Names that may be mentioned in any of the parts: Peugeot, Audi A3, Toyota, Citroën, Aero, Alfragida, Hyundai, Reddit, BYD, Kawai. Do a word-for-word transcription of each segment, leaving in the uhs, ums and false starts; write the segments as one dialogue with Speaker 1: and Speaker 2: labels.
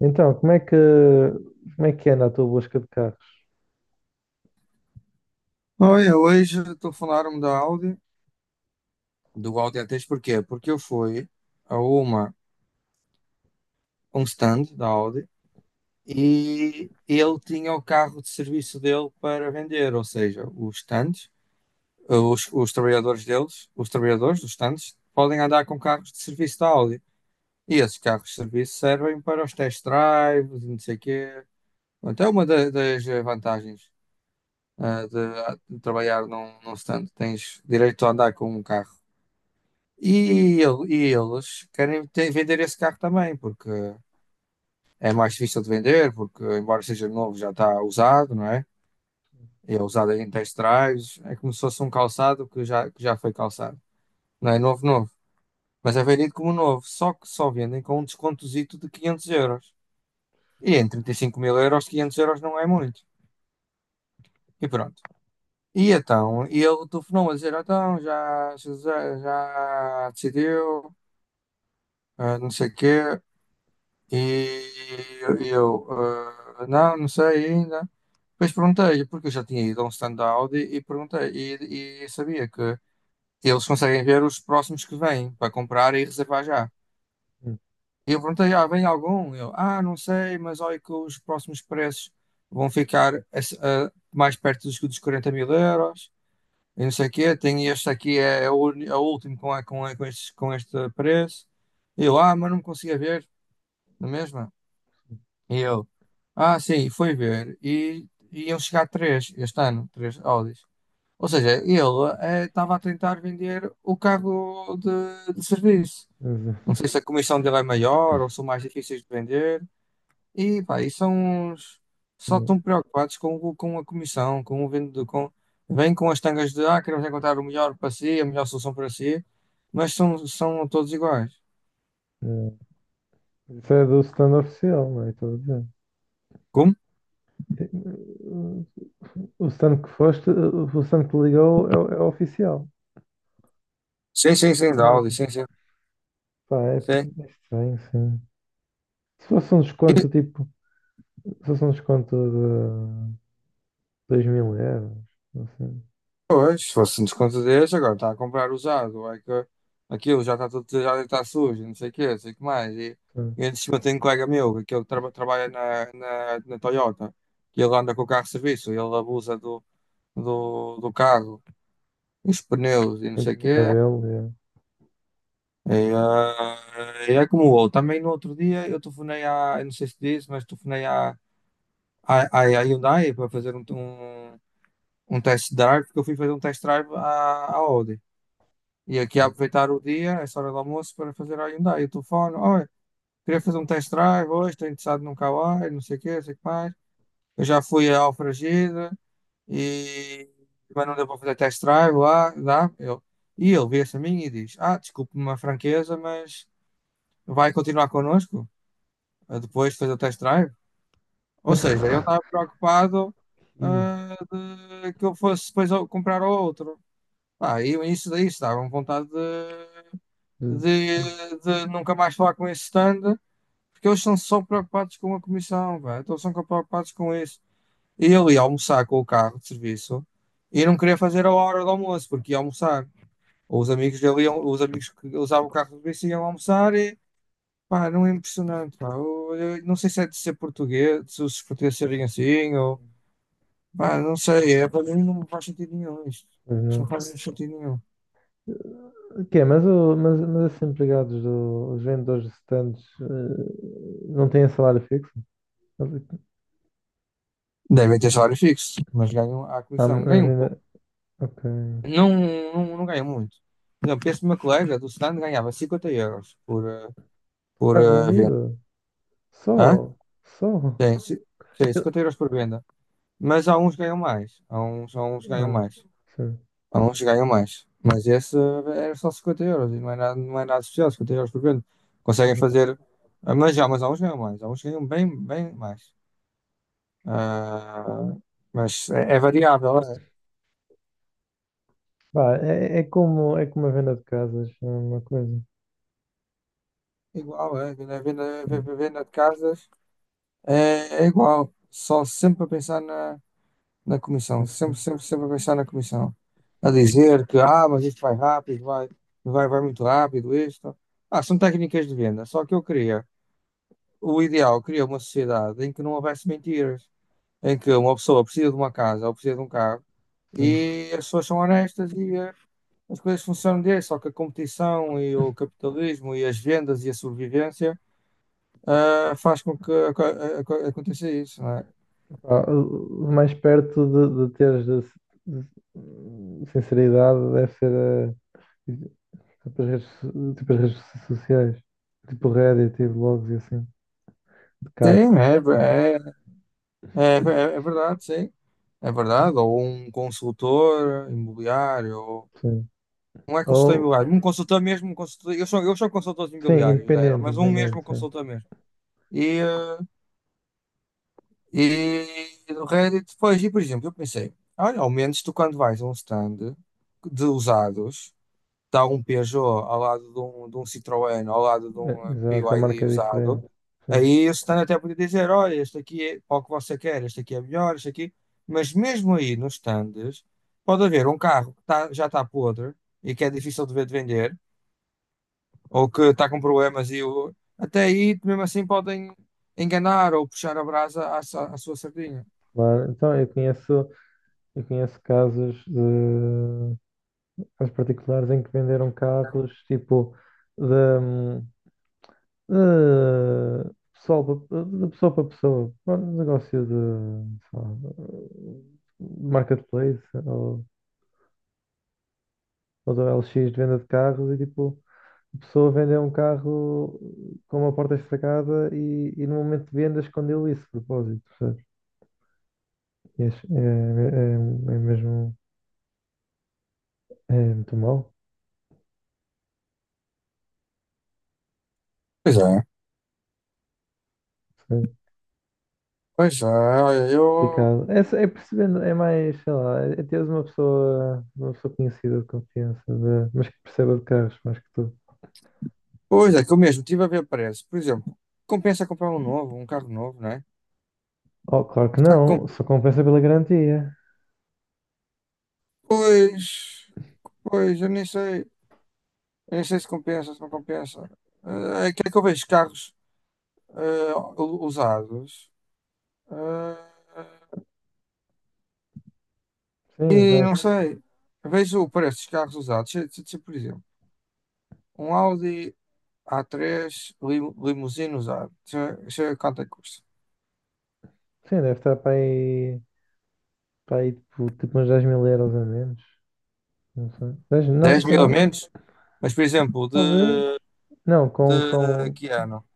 Speaker 1: Então, como é que, como é que anda a tua busca de carros?
Speaker 2: Olha, hoje estou a da Audi, do Audi A três. Porquê? Porque eu fui a uma, um stand da Audi e ele tinha o carro de serviço dele para vender. Ou seja, os stands, os, os trabalhadores deles, os trabalhadores dos stands, podem andar com carros de serviço da Audi. E esses carros de serviço servem para os test drives e não sei o quê. Até uma da- das vantagens ah, de, de trabalhar num, num stand, tens direito a andar com um carro. E, el- e eles querem te- vender esse carro também, porque é mais difícil de vender, porque embora seja novo, já está usado, não é? E é usado em test drives, é como se fosse um calçado que já, que já foi calçado. Não é novo, novo, mas é vendido como novo, só que só vendem com um descontozito de quinhentos euros. E em trinta e cinco mil euros, quinhentos euros não é muito. E pronto. E então, e ele telefonou a dizer, então, já, já, já decidiu, ah, não sei o quê. E eu, ah, não, não sei ainda. Depois perguntei, porque eu já tinha ido a um stand da Audi e perguntei, e, e sabia que eles conseguem ver os próximos que vêm para comprar e reservar já.
Speaker 1: Hum,
Speaker 2: E eu perguntei, ah, vem algum? Eu, ah, não sei, mas olha que os próximos preços vão ficar a- a- mais perto dos, dos quarenta mil euros, e não sei o quê. Tem este aqui, é, é o, uni- é o último com, a- com, a- com, estes- com este preço. E eu, ah, mas não me conseguia ver, não é mesmo? E eu, ah, sim, fui ver. E iam chegar três este ano, três Audis. Ou seja, ele eh, estava a tentar vender o carro de, de serviço.
Speaker 1: mas,
Speaker 2: Não sei se a comissão dele é maior ou são mais difíceis de vender. E pá, e são uns. Só estão
Speaker 1: hum,
Speaker 2: preocupados com, o- com a comissão, com o vendedor. Com, vêm com as tangas de, ah, queremos encontrar o melhor para si, a melhor solução para si. Mas são, são todos iguais.
Speaker 1: hum, Isso é do stand oficial, não é? Estou a dizer.
Speaker 2: Como?
Speaker 1: O stand que foste, o stand que ligou é, o- é o oficial
Speaker 2: Sim, sim, sim,
Speaker 1: da
Speaker 2: da Audi,
Speaker 1: marca.
Speaker 2: sim, sim.
Speaker 1: Pá, é,
Speaker 2: Sim.
Speaker 1: é estranho, sim. Se fosse um desconto tipo, se fosse um desconto de dois mil euros, assim,
Speaker 2: Pois, se fosse um desconto desse, agora está a comprar usado, é que aquilo já está tudo, já está sujo, não sei o quê, não sei o que mais. E,
Speaker 1: sim,
Speaker 2: e antes de cima tem um colega meu, que ele traba- trabalha na, na, na Toyota, que ele anda com o carro de serviço, ele abusa do, do, do carro, os pneus e não sei
Speaker 1: sempre
Speaker 2: o
Speaker 1: não é
Speaker 2: quê.
Speaker 1: dele.
Speaker 2: E, ah, e é como o outro. Também no outro dia eu telefonei à, eu não sei se disse, mas telefonei à, à, à à Hyundai para fazer um, um, um test drive, porque eu fui fazer um test drive à, à Audi. E aqui a
Speaker 1: É.
Speaker 2: aproveitar o dia, essa hora do almoço, para fazer a Hyundai. O telefone, olha, queria fazer um test drive hoje, estou interessado num Kawai, não sei o quê, não sei o que mais. Eu já fui à Alfragida e mas não deu para fazer test drive lá, dá. Eu... E ele vira-se a mim e diz, ah, desculpe-me a franqueza, mas vai continuar connosco eh, depois de fazer o test drive? Ou seja, ele estava preocupado,
Speaker 1: E,
Speaker 2: ah, de que eu fosse depois ao- comprar outro. Ah, e isso daí estava com vontade de de, de nunca mais falar com esse stand, porque eles estão só preocupados com a comissão, velho. Então são preocupados com isso. E ele ia almoçar com o carro de serviço e não queria fazer a hora do almoço, porque ia almoçar. Os amigos dele iam, os amigos que usavam o carro de serviço iam almoçar e pá, não é impressionante, pá. Eu, eu não sei se é de ser português, se os portugueses serem assim, ou pá, não sei, é, para mim não faz sentido nenhum isto.
Speaker 1: mas
Speaker 2: Isto não
Speaker 1: não.
Speaker 2: faz sentido nenhum.
Speaker 1: O quê? Mas, o, mas, mas esses empregados, do, os vendedores de stands, eh, não têm salário fixo? Mas-
Speaker 2: Devem ter salário fixo, mas ganham a
Speaker 1: Ah, mas
Speaker 2: comissão. Ganham.
Speaker 1: ainda. Ok.
Speaker 2: Não, não, não ganha muito. Por exemplo, este meu colega do stand ganhava cinquenta euros por, eh, por
Speaker 1: Carro
Speaker 2: eh, venda.
Speaker 1: vendido?
Speaker 2: Hã?
Speaker 1: Só? Só?
Speaker 2: Sim, ci- sim,
Speaker 1: Eu-
Speaker 2: cinquenta euros por venda. Mas há uns que ganham mais. Há uns, há uns que ganham
Speaker 1: Ah,
Speaker 2: mais.
Speaker 1: foi.
Speaker 2: Há uns que ganham mais. Mas esse, eh, era só cinquenta euros e não é nada, não é nada especial, cinquenta euros por venda. Conseguem fazer. Ah, mas já, mas há uns que ganham mais. Há uns que ganham bem, bem mais. Ah, mas é, é variável, é
Speaker 1: Pá, é, é como, é como a venda de casas, é uma coisa.
Speaker 2: igual, é. A venda, a venda a venda de casas é, é igual. Só sempre a pensar na. Na comissão,
Speaker 1: Não
Speaker 2: sempre,
Speaker 1: sei.
Speaker 2: sempre, sempre a pensar na comissão, a dizer que, ah, mas isto vai rápido, vai, vai, vai muito rápido, isto. Ah, são técnicas de venda, só que eu queria, o ideal, eu queria uma sociedade em que não houvesse mentiras, em que uma pessoa precisa de uma casa ou precisa de um carro
Speaker 1: Hum.
Speaker 2: e as pessoas são honestas e, eh, as coisas funcionam desse, só que a competição e o capitalismo e as vendas e a sobrevivência, ah, faz com que aco- aco- aconteça isso, não é?
Speaker 1: Pá, o o mais perto de, de teres de, de sinceridade deve ser eh, tipo, as redes, so- tipo as redes so- sociais, tipo Reddit e blogs e assim, de carros.
Speaker 2: Sim, é. É, é, é verdade, sim. É verdade. Ou um consultor imobiliário, ou...
Speaker 1: Sim.
Speaker 2: não é consultor
Speaker 1: Ou,
Speaker 2: imobiliário, um consultor mesmo, um consultor... Eu sou, eu sou consultor de
Speaker 1: sim,
Speaker 2: imobiliários da Aero,
Speaker 1: independente,
Speaker 2: mas um mesmo
Speaker 1: independente, sim.
Speaker 2: consultor mesmo. E, eh, e do Reddit, depois, e por exemplo, eu pensei, olha, ao menos tu quando vais a um stand de usados. Está um Peugeot ao lado de um, de um Citroën, ao lado de
Speaker 1: Eh,
Speaker 2: um, eh,
Speaker 1: Exato, a marca
Speaker 2: B Y D
Speaker 1: é
Speaker 2: usado,
Speaker 1: diferente. Sim,
Speaker 2: aí o stand até podia dizer, olha, este aqui é para o que você quer, este aqui é melhor, este aqui... Mas mesmo aí nos stands, pode haver um carro que tá- já está podre e que é difícil de ver de vender, ou que está com problemas e o... até aí, mesmo assim, podem enganar ou puxar a brasa à, sa- à sua sardinha.
Speaker 1: claro. Então, eu conheço, eu conheço casos de aos particulares em que venderam carros tipo da eh, pessoal pa- de pessoa para pessoa, um negócio de, sei lá, de marketplace ou, ou do L X de venda de carros e tipo a pessoa vendeu um carro com uma porta estragada e, e no momento de venda escondeu isso de propósito, percebes? E acho- É, é, é mesmo é muito mau.
Speaker 2: Pois é, pois é, olha, eu...
Speaker 1: Complicado. É, só- é percebendo, é mais, sei lá, é é teres uma pessoa, uma pessoa conhecida de confiança, de- mas que perceba de carros mais que tu.
Speaker 2: Pois é, que eu mesmo estive a ver preço. Por exemplo, compensa comprar um novo, um carro novo, né?
Speaker 1: Oh, claro que
Speaker 2: Tá com-
Speaker 1: não, só compensa pela garantia.
Speaker 2: pois, pois, eu nem sei, eu nem sei se compensa, se não compensa. Eh, É que é que eu vejo carros, eh, u- usados, eh,
Speaker 1: Sim,
Speaker 2: e não
Speaker 1: exato.
Speaker 2: sei, vejo o preço dos carros usados. Se, se- se, por exemplo, um Audi a três lim, limusine usado, deixa deixa eu ver quanto é que custa?
Speaker 1: Sim, deve estar para aí, para aí tipo, tipo uns dez mil euros a menos. Não sei. dez, não,
Speaker 2: Dez
Speaker 1: se
Speaker 2: mil a
Speaker 1: calhar,
Speaker 2: menos, mas por exemplo,
Speaker 1: talvez.
Speaker 2: de,
Speaker 1: Não, com,
Speaker 2: de
Speaker 1: com.
Speaker 2: que ano?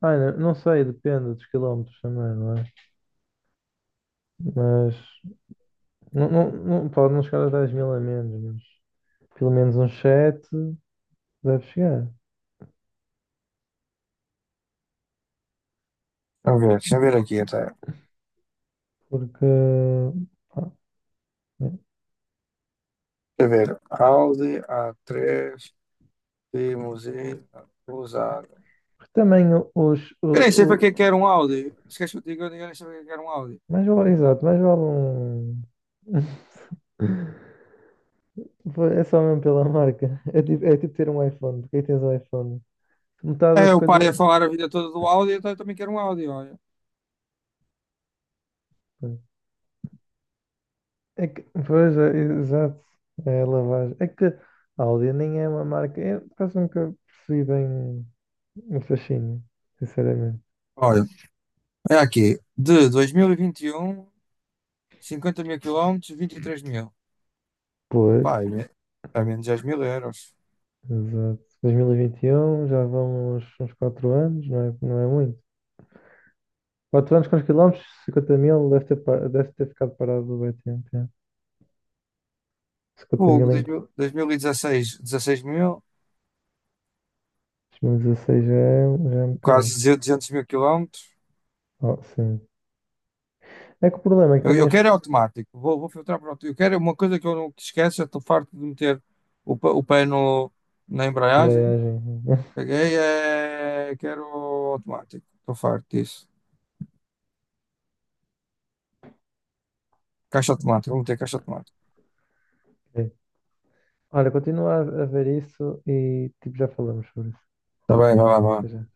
Speaker 1: Ai, não, não sei, depende dos quilómetros também, não é? Mas não, não, não- pode não chegar aos dez mil a menos, mas pelo menos uns sete deve chegar.
Speaker 2: Deixa eu ver, deixa eu ver aqui até. Deixa
Speaker 1: Porque, pá, né,
Speaker 2: eu ver, Audi a três limusine usado.
Speaker 1: porque também os, o,
Speaker 2: Eu nem sei para que é que
Speaker 1: o-
Speaker 2: era um Audi. Se queres que eu te diga, eu nem sei para que é que era um Audi.
Speaker 1: mais vale, exato, mais vale um. É só mesmo pela marca. É tipo, é tipo ter um iPhone. Porque aí tens um iPhone. Metade
Speaker 2: É,
Speaker 1: das
Speaker 2: o pai a
Speaker 1: coisas.
Speaker 2: falar a vida toda do Audi, então eu também quero um Audi, olha.
Speaker 1: É que, pois, é, exato. É a lavagem. É que a Audi nem é uma marca. Eu quase nunca percebi bem o fascínio, sinceramente.
Speaker 2: Olha, é aqui, de dois mil e vinte e um, cinquenta mil quilómetros, vinte e três mil.
Speaker 1: Pois,
Speaker 2: Opá, é, me- é menos dez mil euros.
Speaker 1: exato. dois mil e vinte e um, já vão uns, uns quatro anos, não é, não é muito. Quatro anos, quantos quilómetros? Cinquenta mil, deve ter, pa- deve ter ficado parado bem tempo. É. Cinquenta
Speaker 2: Fogo,
Speaker 1: mil em
Speaker 2: dois mil dois mil e dezasseis, dezasseis mil, e dezasseis, dezasseis mil,
Speaker 1: dois mil e dezasseis já é, já é um bocado.
Speaker 2: quase duzentos mil quilómetros.
Speaker 1: Oh, sim. É que o problema é que
Speaker 2: Eu,
Speaker 1: também
Speaker 2: eu
Speaker 1: as
Speaker 2: quero é automático, vou, vou filtrar para o automático. Eu quero é uma coisa que eu não esqueço, eu estou farto de meter o, pa- o pé no, na embreagem.
Speaker 1: embreagem.
Speaker 2: Peguei, é... quero automático. Estou farto disso. Caixa automática, vamos ter caixa automática.
Speaker 1: Sim. Olha, continua a a ver isso e tipo, já falamos sobre isso.
Speaker 2: Tá bem, vai lá, vai
Speaker 1: Até
Speaker 2: lá.
Speaker 1: já.